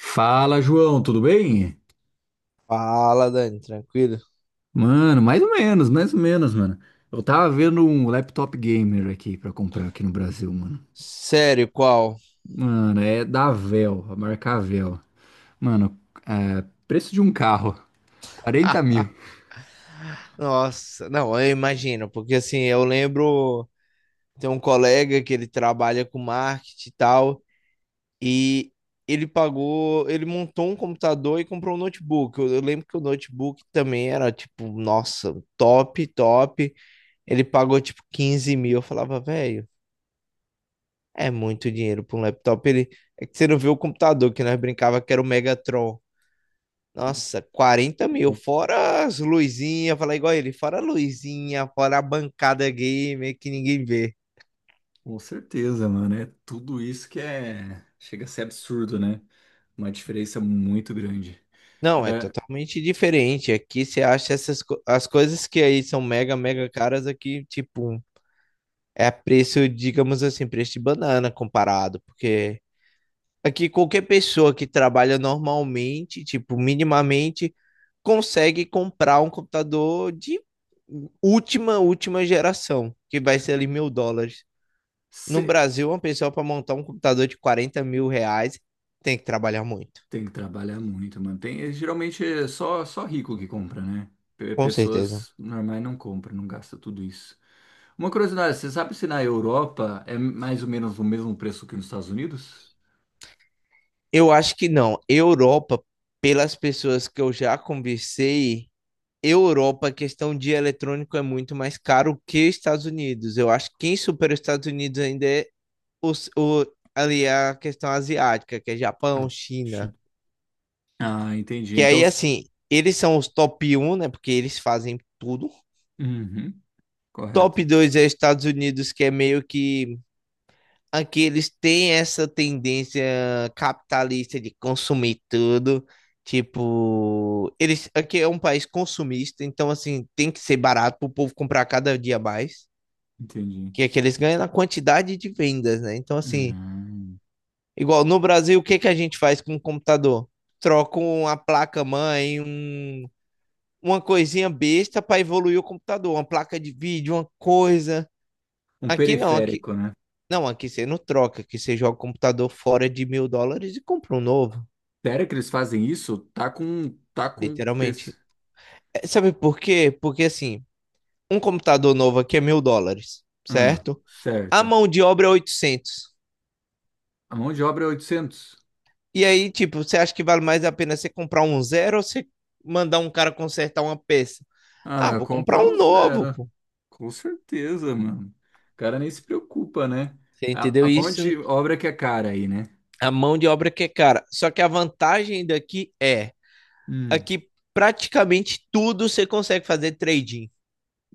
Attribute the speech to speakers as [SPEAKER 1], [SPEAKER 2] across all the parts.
[SPEAKER 1] Fala, João, tudo bem?
[SPEAKER 2] Fala, Dani, tranquilo?
[SPEAKER 1] Mano, mais ou menos, mano. Eu tava vendo um laptop gamer aqui pra comprar aqui no Brasil, mano.
[SPEAKER 2] Sério, qual?
[SPEAKER 1] Mano, é da Dell, a marca Dell. Mano, é, preço de um carro, quarenta
[SPEAKER 2] Ah,
[SPEAKER 1] mil.
[SPEAKER 2] nossa, não, eu imagino, porque assim, eu lembro, tem um colega que ele trabalha com marketing e tal, e ele pagou, ele montou um computador e comprou um notebook. Eu lembro que o notebook também era, tipo, nossa, top, top. Ele pagou, tipo, 15 mil. Eu falava, velho, é muito dinheiro para um laptop. Ele, é que você não viu o computador que nós brincava que era o Megatron. Nossa, 40 mil, fora as luzinhas, falar igual ele, fora a luzinha, fora a bancada gamer que ninguém vê.
[SPEAKER 1] Com certeza, mano. É tudo isso que é. Chega a ser absurdo, né? Uma diferença muito grande.
[SPEAKER 2] Não, é
[SPEAKER 1] É,
[SPEAKER 2] totalmente diferente. Aqui você acha as coisas que aí são mega, mega caras aqui, tipo, é preço, digamos assim, preço de banana comparado, porque aqui qualquer pessoa que trabalha normalmente, tipo, minimamente, consegue comprar um computador de última, última geração, que vai ser ali mil dólares. No Brasil, uma pessoa para montar um computador de 40 mil reais tem que trabalhar muito.
[SPEAKER 1] tem que trabalhar muito, mano. Tem, geralmente é só rico que compra, né?
[SPEAKER 2] Com certeza.
[SPEAKER 1] Pessoas normais não compram, não gastam tudo isso. Uma curiosidade, você sabe se na Europa é mais ou menos o mesmo preço que nos Estados Unidos?
[SPEAKER 2] Eu acho que não. Europa, pelas pessoas que eu já conversei, Europa, a questão de eletrônico é muito mais caro que Estados Unidos. Eu acho que quem supera os Estados Unidos ainda é os, o, ali é a questão asiática, que é Japão,
[SPEAKER 1] Ah, sim.
[SPEAKER 2] China.
[SPEAKER 1] Ah, entendi.
[SPEAKER 2] Que
[SPEAKER 1] Então.
[SPEAKER 2] aí, assim, eles são os top um, né? Porque eles fazem tudo.
[SPEAKER 1] Uhum,
[SPEAKER 2] Top
[SPEAKER 1] correto.
[SPEAKER 2] 2 é Estados Unidos, que é meio que aqui eles têm essa tendência capitalista de consumir tudo. Tipo, eles aqui é um país consumista, então assim, tem que ser barato para o povo comprar cada dia mais,
[SPEAKER 1] Entendi.
[SPEAKER 2] que é que eles ganham na quantidade de vendas, né? Então assim,
[SPEAKER 1] Hum.
[SPEAKER 2] igual no Brasil, o que que a gente faz com o computador? Troca uma placa mãe, um, uma coisinha besta para evoluir o computador, uma placa de vídeo, uma coisa.
[SPEAKER 1] Um
[SPEAKER 2] Aqui não, aqui
[SPEAKER 1] periférico, né?
[SPEAKER 2] Não, aqui você não troca, aqui você joga o computador fora de mil dólares e compra um novo,
[SPEAKER 1] Sério que eles fazem isso? Tá com peso.
[SPEAKER 2] literalmente. É, sabe por quê? Porque assim, um computador novo aqui é mil dólares,
[SPEAKER 1] Ah,
[SPEAKER 2] certo? A
[SPEAKER 1] certo.
[SPEAKER 2] mão de obra é 800.
[SPEAKER 1] A mão de obra é 800.
[SPEAKER 2] E aí, tipo, você acha que vale mais a pena você comprar um zero ou você mandar um cara consertar uma peça? Ah,
[SPEAKER 1] Ah,
[SPEAKER 2] vou comprar
[SPEAKER 1] comprar um
[SPEAKER 2] um novo,
[SPEAKER 1] zero.
[SPEAKER 2] pô.
[SPEAKER 1] Com certeza, mano. O cara nem se preocupa, né?
[SPEAKER 2] Você entendeu
[SPEAKER 1] A
[SPEAKER 2] isso?
[SPEAKER 1] de obra que é cara aí, né?
[SPEAKER 2] A mão de obra que é cara. Só que a vantagem daqui é,
[SPEAKER 1] Hum.
[SPEAKER 2] aqui praticamente tudo você consegue fazer trading.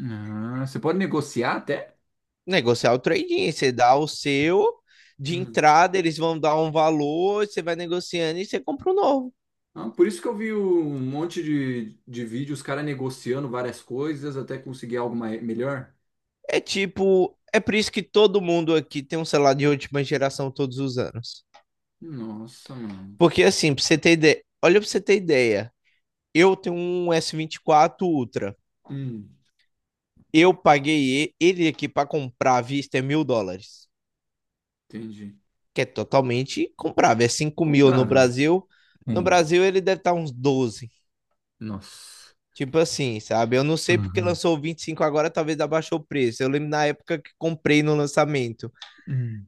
[SPEAKER 1] Ah, você pode negociar até?
[SPEAKER 2] Negociar o trading, você dá o seu de
[SPEAKER 1] Hum.
[SPEAKER 2] entrada, eles vão dar um valor, você vai negociando e você compra um novo.
[SPEAKER 1] Ah, por isso que eu vi um monte de vídeo, os caras negociando várias coisas até conseguir algo melhor.
[SPEAKER 2] É tipo, é por isso que todo mundo aqui tem um celular de última geração todos os anos.
[SPEAKER 1] Nossa, mano.
[SPEAKER 2] Porque assim, pra você ter ideia, olha pra você ter ideia, eu tenho um S24 Ultra.
[SPEAKER 1] Hum.
[SPEAKER 2] Eu paguei ele aqui pra comprar à vista é mil dólares,
[SPEAKER 1] Entendi.
[SPEAKER 2] que é totalmente comprável, é 5 mil no
[SPEAKER 1] Comprável.
[SPEAKER 2] Brasil. No
[SPEAKER 1] Sim.
[SPEAKER 2] Brasil ele deve estar uns 12.
[SPEAKER 1] Nossa.
[SPEAKER 2] Tipo assim, sabe? Eu não sei porque
[SPEAKER 1] Aham.
[SPEAKER 2] lançou o 25 agora, talvez abaixou o preço. Eu lembro na época que comprei no lançamento.
[SPEAKER 1] Hum.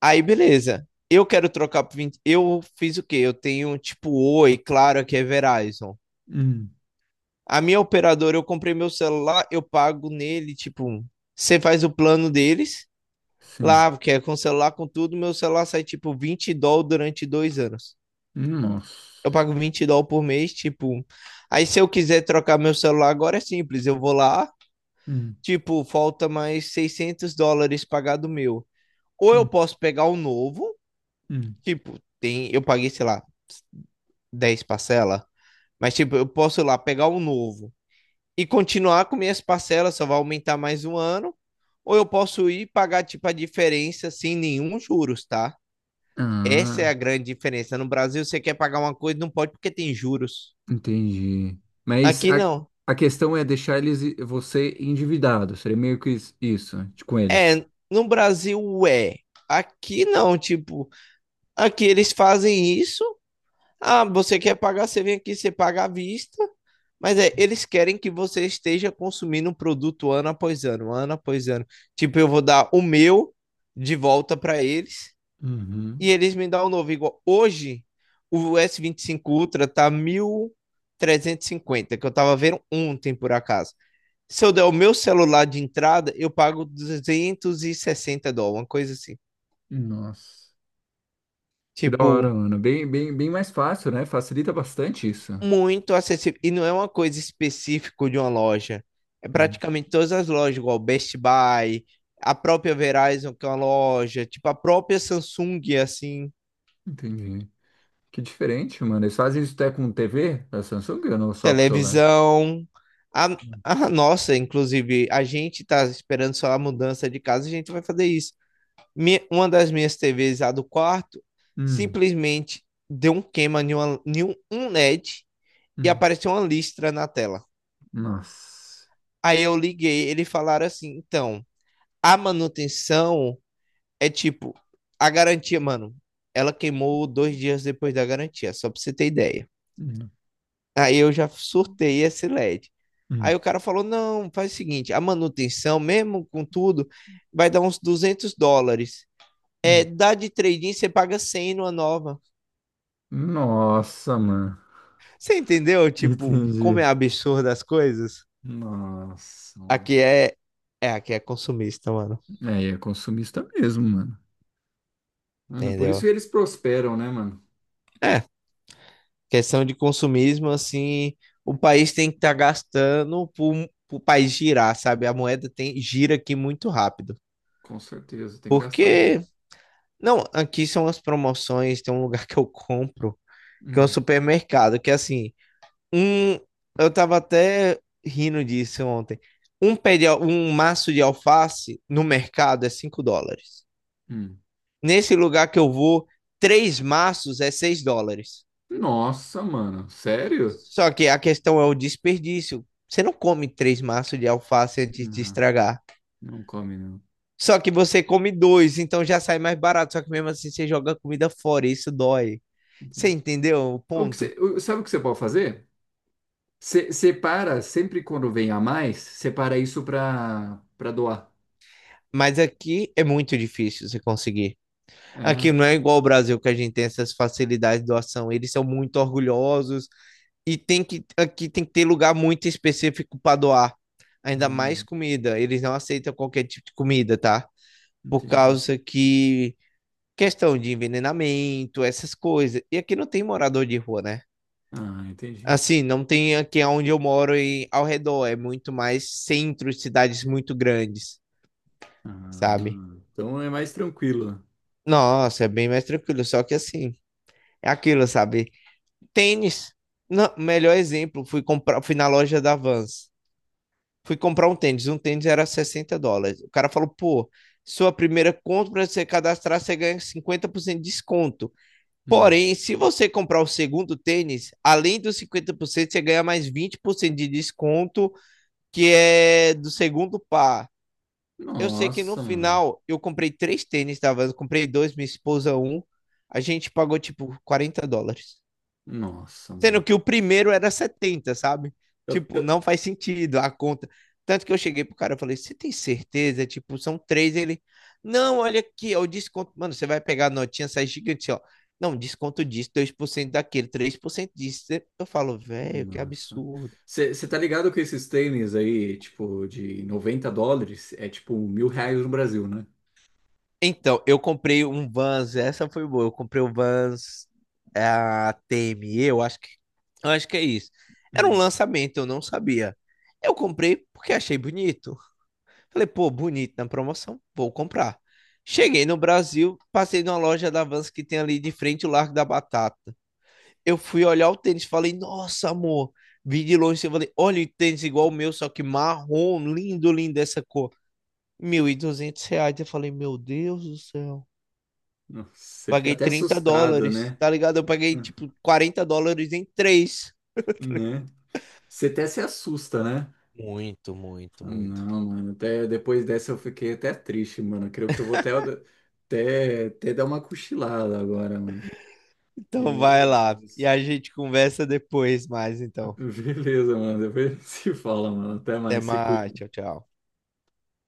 [SPEAKER 2] Aí, beleza. Eu quero trocar pro 20. Eu fiz o quê? Eu tenho tipo Oi, Claro, aqui é Verizon.
[SPEAKER 1] Hum.
[SPEAKER 2] A minha operadora, eu comprei meu celular, eu pago nele, tipo, você faz o plano deles
[SPEAKER 1] Sim.
[SPEAKER 2] lá, que é com celular, com tudo. Meu celular sai tipo 20 dólares durante 2 anos. Eu
[SPEAKER 1] Nossa.
[SPEAKER 2] pago 20 dólares por mês, tipo. Aí se eu quiser trocar meu celular agora é simples. Eu vou lá,
[SPEAKER 1] Hum.
[SPEAKER 2] tipo, falta mais 600 dólares pagado meu. Ou eu
[SPEAKER 1] Hum.
[SPEAKER 2] posso pegar o novo,
[SPEAKER 1] Hum.
[SPEAKER 2] tipo, tem, eu paguei, sei lá, 10 parcelas, mas tipo, eu posso ir lá pegar o novo e continuar com minhas parcelas, só vai aumentar mais um ano, ou eu posso ir pagar tipo a diferença sem nenhum juros, tá? Essa é
[SPEAKER 1] Ah.
[SPEAKER 2] a grande diferença. No Brasil você quer pagar uma coisa, não pode porque tem juros.
[SPEAKER 1] Entendi. Mas
[SPEAKER 2] Aqui
[SPEAKER 1] a,
[SPEAKER 2] não.
[SPEAKER 1] a questão é deixar eles você endividado. Seria meio que isso, com eles.
[SPEAKER 2] É, no Brasil é. Aqui não, tipo, aqui eles fazem isso. Ah, você quer pagar, você vem aqui, você paga à vista. Mas é, eles querem que você esteja consumindo um produto ano após ano, ano após ano. Tipo, eu vou dar o meu de volta para eles e
[SPEAKER 1] Uhum.
[SPEAKER 2] eles me dão o novo. Igual hoje, o S25 Ultra tá 1.350 que eu tava vendo ontem por acaso. Se eu der o meu celular de entrada, eu pago 260 dólares, uma coisa assim.
[SPEAKER 1] Nossa. Que da hora,
[SPEAKER 2] Tipo,
[SPEAKER 1] Ana. Bem, bem, bem mais fácil, né? Facilita bastante isso.
[SPEAKER 2] muito acessível. E não é uma coisa específica de uma loja. É
[SPEAKER 1] Hum.
[SPEAKER 2] praticamente todas as lojas, igual Best Buy, a própria Verizon, que é uma loja, tipo a própria Samsung, assim,
[SPEAKER 1] Entendi. Que diferente, mano. Eles fazem isso até com TV da Samsung ou não só com o celular?
[SPEAKER 2] televisão. A,
[SPEAKER 1] Hum.
[SPEAKER 2] a nossa, inclusive, a gente tá esperando só a mudança de casa, a gente vai fazer isso. Minha- uma das minhas TVs, a do quarto,
[SPEAKER 1] Hum.
[SPEAKER 2] simplesmente deu um queima em, uma, em um LED e D e
[SPEAKER 1] Hum,
[SPEAKER 2] apareceu uma listra na tela.
[SPEAKER 1] Nossa.
[SPEAKER 2] Aí eu liguei, eles falaram assim, então a manutenção é tipo, a garantia, mano, ela queimou 2 dias depois da garantia, só pra você ter ideia.
[SPEAKER 1] Hum.
[SPEAKER 2] Aí eu já surtei esse LED. Aí
[SPEAKER 1] Hum.
[SPEAKER 2] o cara falou: não, faz o seguinte, a manutenção, mesmo com tudo, vai dar uns 200 dólares. É,
[SPEAKER 1] Hum.
[SPEAKER 2] dá de trading, você paga 100 numa nova.
[SPEAKER 1] Nossa, mano.
[SPEAKER 2] Você entendeu, tipo, como
[SPEAKER 1] Entendi.
[SPEAKER 2] é absurdo as coisas?
[SPEAKER 1] Nossa, mano.
[SPEAKER 2] Aqui é, aqui é consumista, mano.
[SPEAKER 1] É consumista mesmo, mano. Mano, por isso
[SPEAKER 2] Entendeu?
[SPEAKER 1] eles prosperam, né, mano?
[SPEAKER 2] É, questão de consumismo, assim, o país tem que estar gastando para o país girar, sabe? A moeda tem, gira aqui muito rápido.
[SPEAKER 1] Com certeza, tem que gastar muito.
[SPEAKER 2] Porque, não, aqui são as promoções, tem um lugar que eu compro, que é um
[SPEAKER 1] Hum,
[SPEAKER 2] supermercado, que assim, um, eu tava até rindo disso ontem. Um pé de, um maço de alface no mercado é 5 dólares.
[SPEAKER 1] hum.
[SPEAKER 2] Nesse lugar que eu vou, três maços é 6 dólares.
[SPEAKER 1] Nossa, mano, sério?
[SPEAKER 2] Só que a questão é o desperdício. Você não come três maços de alface antes de
[SPEAKER 1] Não,
[SPEAKER 2] estragar.
[SPEAKER 1] não come, não.
[SPEAKER 2] Só que você come dois, então já sai mais barato. Só que mesmo assim você joga a comida fora, e isso dói. Você
[SPEAKER 1] Entendi.
[SPEAKER 2] entendeu o
[SPEAKER 1] O que
[SPEAKER 2] ponto?
[SPEAKER 1] você, o- Sabe o que você pode fazer? Você separa, sempre quando vem a mais, separa isso pra doar.
[SPEAKER 2] Mas aqui é muito difícil você conseguir. Aqui
[SPEAKER 1] É?
[SPEAKER 2] não é igual ao Brasil que a gente tem essas facilidades de doação. Eles são muito orgulhosos e tem que aqui tem que ter lugar muito específico para doar. Ainda mais
[SPEAKER 1] Hum,
[SPEAKER 2] comida. Eles não aceitam qualquer tipo de comida, tá? Por
[SPEAKER 1] entendi.
[SPEAKER 2] causa que questão de envenenamento, essas coisas. E aqui não tem morador de rua, né?
[SPEAKER 1] Ah, entendi.
[SPEAKER 2] Assim, não tem aqui onde eu moro e ao redor, é muito mais centro, cidades muito grandes, sabe?
[SPEAKER 1] Ah, então é mais tranquilo.
[SPEAKER 2] Nossa, é bem mais tranquilo, só que assim, é aquilo, sabe? Tênis. Não, melhor exemplo, fui comprar, fui na loja da Vans. Fui comprar um tênis era 60 dólares. O cara falou, pô, sua primeira compra, você cadastrar, você ganha 50% de desconto.
[SPEAKER 1] Nossa.
[SPEAKER 2] Porém, se você comprar o segundo tênis, além dos 50%, você ganha mais 20% de desconto, que é do segundo par. Eu sei que no
[SPEAKER 1] Nossa, mano.
[SPEAKER 2] final eu comprei três tênis, tá? Eu comprei dois, minha esposa um. A gente pagou tipo 40 dólares.
[SPEAKER 1] Nossa,
[SPEAKER 2] Sendo
[SPEAKER 1] mano.
[SPEAKER 2] que o primeiro era 70, sabe? Tipo, não faz sentido a conta. Tanto que eu cheguei pro cara e falei, você tem certeza? Tipo, são três. Ele, não, olha aqui, ó, o desconto. Mano, você vai pegar a notinha, sai gigante, ó. Não, desconto disso, 2% daquele, 3% disso. Eu falo, velho, que
[SPEAKER 1] Nossa.
[SPEAKER 2] absurdo.
[SPEAKER 1] Você tá ligado que esses tênis aí, tipo, de 90 dólares, é tipo 1.000 reais no Brasil, né?
[SPEAKER 2] Então, eu comprei um Vans, essa foi boa. Eu comprei o Vans é, a TME, eu acho que é isso. Era um
[SPEAKER 1] Hum.
[SPEAKER 2] lançamento, eu não sabia. Eu comprei porque achei bonito. Falei, pô, bonito na promoção, vou comprar. Cheguei no Brasil, passei numa loja da Vans que tem ali de frente o Largo da Batata. Eu fui olhar o tênis, falei, nossa, amor. Vi de longe, eu falei, olha o tênis igual o meu, só que marrom, lindo, lindo essa cor. 1.200 reais. Eu falei, meu Deus do céu.
[SPEAKER 1] Você fica
[SPEAKER 2] Paguei
[SPEAKER 1] até
[SPEAKER 2] 30
[SPEAKER 1] assustado,
[SPEAKER 2] dólares,
[SPEAKER 1] né?
[SPEAKER 2] tá ligado? Eu paguei,
[SPEAKER 1] Hum.
[SPEAKER 2] tipo, 40 dólares em três.
[SPEAKER 1] Né? Você até se assusta, né?
[SPEAKER 2] Muito, muito, muito.
[SPEAKER 1] Não, mano, até depois dessa eu fiquei até triste, mano. Creio que eu vou até dar uma cochilada agora, mano.
[SPEAKER 2] Então
[SPEAKER 1] Meu
[SPEAKER 2] vai lá. E
[SPEAKER 1] Deus.
[SPEAKER 2] a gente conversa depois mais, então.
[SPEAKER 1] Beleza, mano. Depois a gente se fala, mano. Até
[SPEAKER 2] Até
[SPEAKER 1] mais, se
[SPEAKER 2] mais.
[SPEAKER 1] cuida.
[SPEAKER 2] Tchau, tchau.